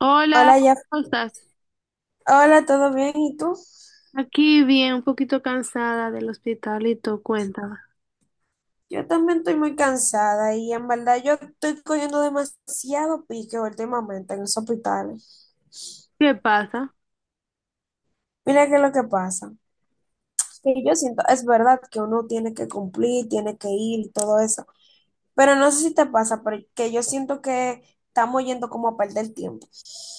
Hola, Hola, ya. ¿cómo estás? Hola, ¿todo bien? ¿Y tú? Aquí bien, un poquito cansada del hospital y tú, cuéntame. Yo también estoy muy cansada y en verdad yo estoy cogiendo demasiado pique últimamente en los hospitales. ¿Qué pasa? Mira qué es lo que pasa. Que yo siento, es verdad que uno tiene que cumplir, tiene que ir y todo eso, pero no sé si te pasa, pero que yo siento que estamos yendo como a perder tiempo.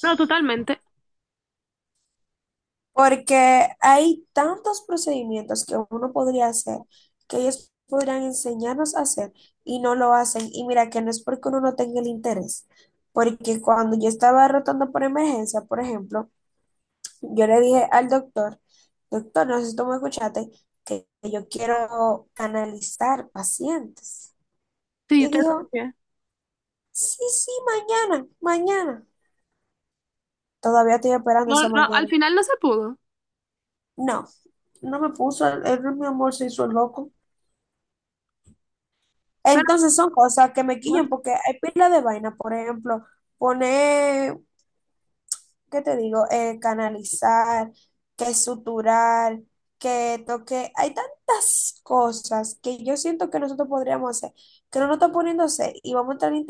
No, totalmente. Porque hay tantos procedimientos que uno podría hacer, que ellos podrían enseñarnos a hacer y no lo hacen. Y mira que no es porque uno no tenga el interés, porque cuando yo estaba rotando por emergencia, por ejemplo, yo le dije al doctor, doctor, no sé si tú me escuchaste, que yo quiero canalizar pacientes. Sí, yo Y te dijo, escuché. sí, sí, mañana, mañana. Todavía estoy esperando No, esa no, al mañana. final no se pudo. No, no me puso, él, mi amor se hizo el loco. Pero, Entonces son cosas que me bueno, quillan porque hay pila de vaina, por ejemplo, poner, ¿qué te digo? Canalizar, que suturar, que toque. Hay tantas cosas que yo siento que nosotros podríamos hacer, que no nos están poniéndose y vamos a entrar al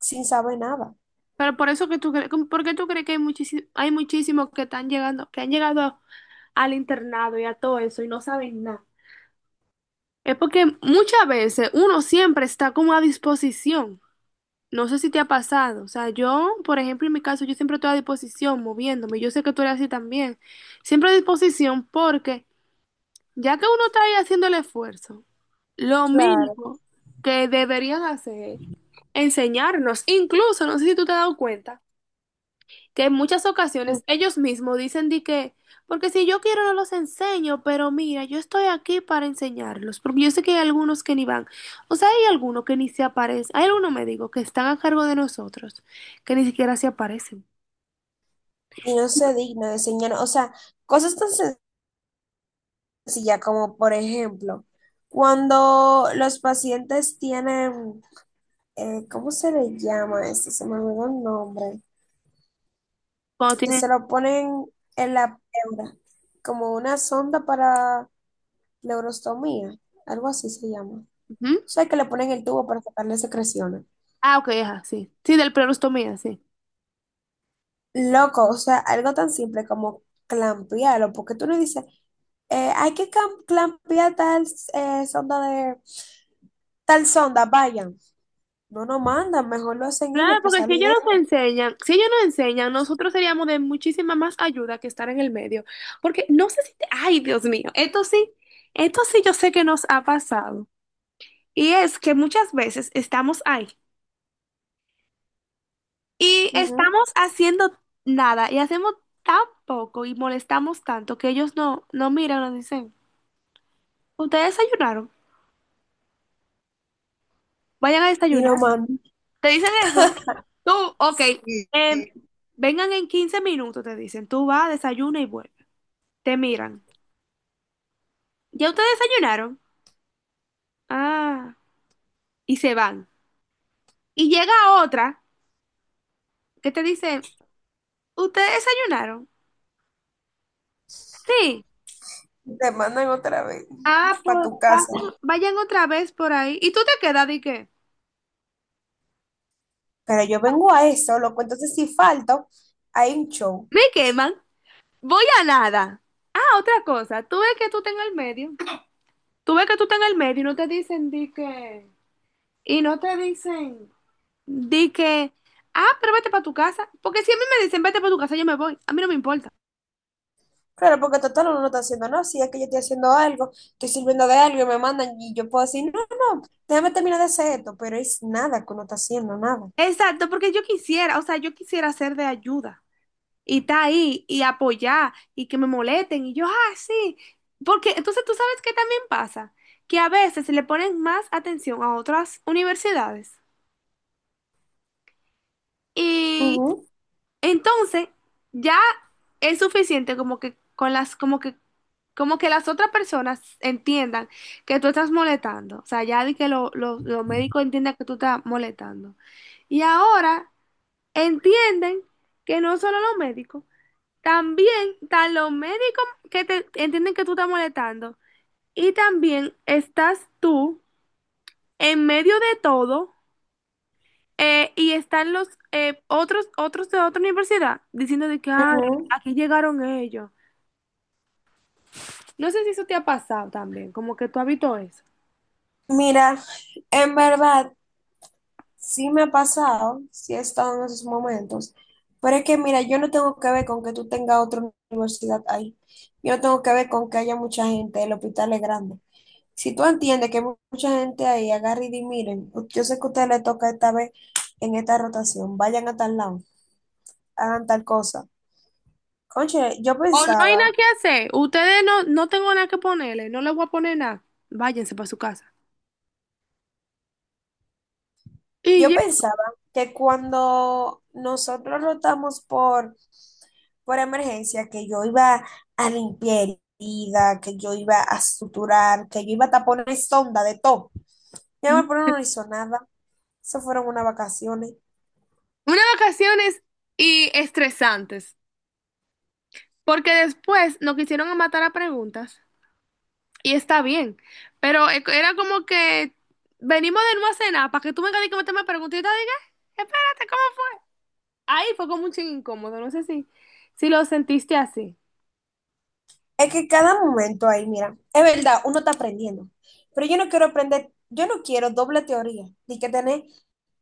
sin saber nada. pero por eso que tú crees, ¿por qué tú crees que hay muchísimos, que están llegando, que han llegado al internado y a todo eso y no saben nada? Es porque muchas veces uno siempre está como a disposición. No sé si te ha pasado, o sea, yo, por ejemplo, en mi caso, yo siempre estoy a disposición, moviéndome, yo sé que tú eres así también, siempre a disposición porque ya que uno está ahí haciendo el esfuerzo, lo Claro. mínimo que deberían hacer es enseñarnos, incluso, no sé si tú te has dado cuenta que en muchas Mm. ocasiones ellos mismos dicen de que, porque si yo quiero no los enseño, pero mira, yo estoy aquí para enseñarlos, porque yo sé que hay algunos que ni van, o sea, hay algunos que ni se aparecen, hay algunos, me digo, que están a cargo de nosotros, que ni siquiera se aparecen. Y no se digna de enseñar. O sea, cosas tan sencillas como, por ejemplo, cuando los pacientes tienen ¿cómo se le llama eso? Se me olvidó el nombre. Cuando Que tienen... se lo ponen en la pleura, como una sonda para neurostomía, algo así se llama. O Ujú. sea, que le ponen el tubo para sacarle secreciones. Ah, ok, ajá, sí, sí, del perostomía, sí. Loco, o sea, algo tan simple como clampearlo, porque tú no dices, hay que clampear tal sonda de tal sonda, vayan. No nos mandan, mejor lo hacen ellos Claro, para porque si salir ellos de nos esto. enseñan, si ellos nos enseñan, nosotros seríamos de muchísima más ayuda que estar en el medio, porque no sé si te... Ay, Dios mío, esto sí yo sé que nos ha pasado. Y es que muchas veces estamos ahí y Ujú. estamos haciendo nada y hacemos tan poco y molestamos tanto que ellos no miran, nos dicen, ustedes desayunaron, vayan a Y desayunar. nos mandan, Te dicen eso, tú, ok, em, vengan en 15 minutos, te dicen, tú vas, desayuna y vuelve. Te miran, ¿ya ustedes desayunaron? Ah, y se van. Y llega otra que te dice, ¿ustedes desayunaron? Sí. te mandan otra vez Ah, para pues tu casa. vayan, vayan otra vez por ahí. ¿Y tú te quedas de qué? Pero yo vengo a eso, loco. Entonces, si falto, hay un show. Me queman. Voy a nada. Ah, otra cosa. Tú ves que tú estás en el medio. Tú ves que tú estás en el medio y no te dicen di que. Y no te dicen di que. Ah, pero vete para tu casa. Porque si a mí me dicen vete para tu casa, yo me voy. A mí no me importa. Claro, porque total uno no está haciendo, no, si es que yo estoy haciendo algo, estoy sirviendo de algo y me mandan y yo puedo decir, no, no, déjame terminar de hacer esto, pero es nada que uno está haciendo, nada. Exacto, porque yo quisiera, o sea, yo quisiera ser de ayuda y está ahí y apoyar y que me molesten y yo, ah, sí, porque entonces tú sabes que también pasa, que a veces le ponen más atención a otras universidades y Ujú, entonces ya es suficiente como que con las, como que las otras personas entiendan que tú estás molestando, o sea, ya de que los médicos entiendan que tú estás molestando y ahora entienden que no solo los médicos, también están los médicos que te entienden que tú estás molestando. Y también estás tú en medio de todo y están los otros de otra universidad diciendo de que, ay, ujú. aquí llegaron ellos. No sé si eso te ha pasado también, como que tú has visto eso. Mira, en verdad, sí me ha pasado, sí he estado en esos momentos, pero es que, mira, yo no tengo que ver con que tú tengas otra universidad ahí, yo no tengo que ver con que haya mucha gente, el hospital es grande. Si tú entiendes que mucha gente ahí agarra y di, miren, yo sé que a ustedes les toca esta vez en esta rotación, vayan a tal lado, hagan tal cosa. Conche, O no hay nada que hacer. Ustedes no tengo nada que ponerle, no les voy a poner nada. Váyanse para su casa. Y yo ya pensaba que cuando nosotros rotamos por emergencia, que yo iba a limpiar herida, que yo iba a suturar, que yo iba a taponar sonda de todo. Ya me pero no hizo nada. Se fueron unas vacaciones. unas vacaciones y estresantes, porque después nos quisieron matar a preguntas. Y está bien, pero era como que venimos de una cena para que tú vengas y que me preguntes y yo te diga, espérate, ¿cómo fue? Ahí fue como un ching incómodo, no sé si, si lo sentiste así. Es que cada momento ahí, mira, es verdad, uno está aprendiendo, pero yo no quiero aprender, yo no quiero doble teoría, ni que tener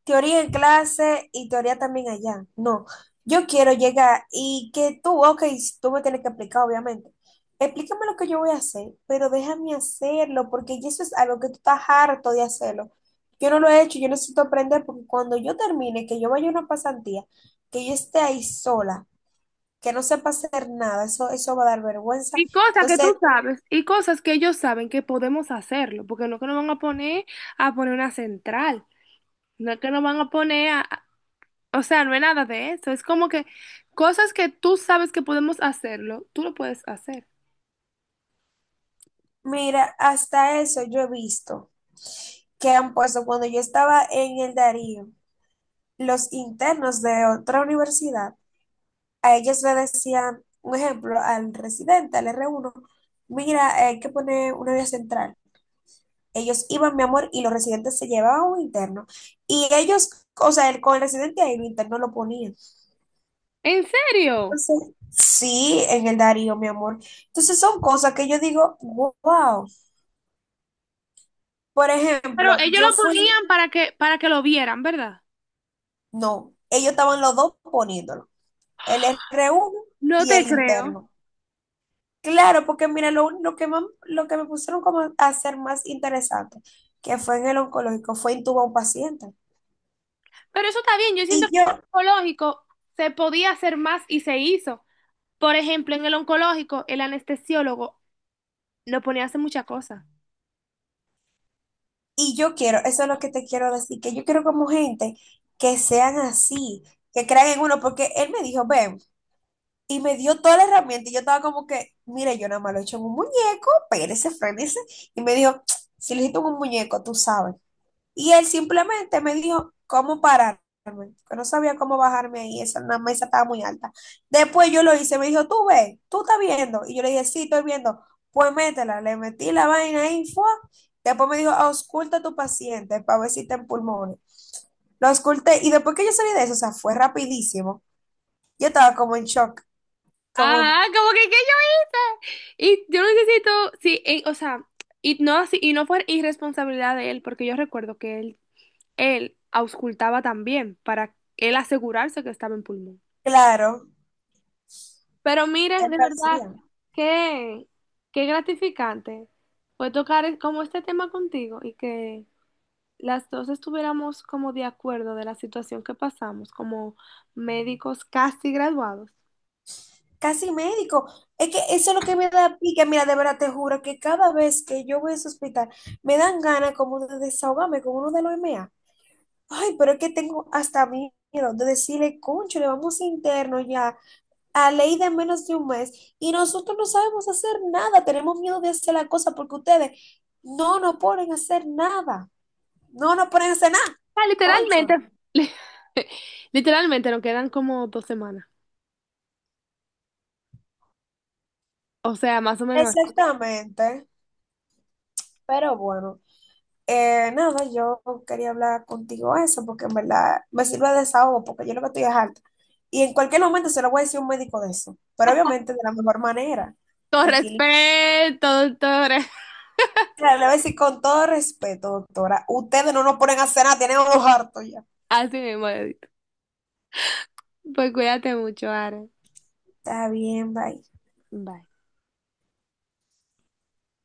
teoría en clase y teoría también allá. No, yo quiero llegar y que tú, ok, tú me tienes que explicar, obviamente. Explícame lo que yo voy a hacer, pero déjame hacerlo, porque ya eso es algo que tú estás harto de hacerlo. Yo no lo he hecho, yo necesito aprender, porque cuando yo termine, que yo vaya a una pasantía, que yo esté ahí sola, que no sepa hacer nada, eso va a dar vergüenza. Y cosas que Entonces, tú sabes, y cosas que ellos saben que podemos hacerlo, porque no es que nos van a poner una central, no es que nos van a poner o sea, no es nada de eso, es como que cosas que tú sabes que podemos hacerlo, tú lo puedes hacer. mira, hasta eso yo he visto que han puesto cuando yo estaba en el Darío, los internos de otra universidad, a ellos le decían, un ejemplo, al residente, al R1, mira, hay que poner una vía central. Ellos iban, mi amor, y los residentes se llevaban un interno. Y ellos, o sea, el, con el residente ahí, el interno lo ponían. ¿En serio? Entonces, sí, en el Darío, mi amor. Entonces son cosas que yo digo, wow. Por Pero ejemplo, ellos yo lo fui ponían para que lo vieran, ¿verdad? No, ellos estaban los dos poniéndolo, el r uno No y te el creo. interno. Claro, porque mira, lo que, lo que me pusieron como a hacer más interesante, que fue en el oncológico, fue intubar a un paciente. Pero eso está bien, yo siento Y que en yo, el oncológico se podía hacer más y se hizo. Por ejemplo, en el oncológico, el anestesiólogo no ponía a hacer muchas cosas. y yo quiero, eso es lo que te quiero decir, que yo quiero como gente que sean así, que crean en uno, porque él me dijo, ven, y me dio toda la herramienta, y yo estaba como que, mire, yo nada más lo he hecho en un muñeco, espérese, frénese, y me dijo, si lo hiciste en un muñeco, tú sabes. Y él simplemente me dijo cómo pararme, que no sabía cómo bajarme ahí, esa la mesa estaba muy alta. Después yo lo hice, me dijo, tú ves, tú estás viendo. Y yo le dije, sí, estoy viendo. Pues métela, le metí la vaina ahí, fue. Después me dijo, ausculta a tu paciente para ver si está en pulmones. Lo ausculté y después que yo salí de eso, o sea, fue rapidísimo. Yo estaba como en shock, como, Ah, como que yo. Y yo necesito, sí, o sea, y no, y no fue irresponsabilidad de él, porque yo recuerdo que él auscultaba también para él asegurarse que estaba en pulmón. claro, Pero mire, él de lo verdad, hacía. qué, qué gratificante fue tocar como este tema contigo y que las dos estuviéramos como de acuerdo de la situación que pasamos, como médicos casi graduados. Casi médico. Es que eso es lo que me da pique. Mira, de verdad te juro que cada vez que yo voy a ese hospital, me dan ganas como de desahogarme con uno de los MA. Ay, pero es que tengo hasta miedo de decirle, concho, le vamos a interno ya a ley de menos de un mes y nosotros no sabemos hacer nada. Tenemos miedo de hacer la cosa porque ustedes no nos ponen a hacer nada. No nos ponen a hacer nada, O sea, literalmente, concho. Literalmente nos quedan como 2 semanas. O sea, más o menos así. Exactamente. Pero bueno. Nada, yo quería hablar contigo eso porque en verdad me sirve de desahogo porque yo lo que estoy es harta. Y en cualquier momento se lo voy a decir a un médico de eso, pero obviamente de la mejor manera, Todo tranquilita. respeto, doctora. Le voy a decir con todo respeto, doctora, ustedes no nos ponen a cenar, tienen unos hartos ya. Así mismo, Edith. Pues cuídate mucho, Ara. Está bien, bye. Bye.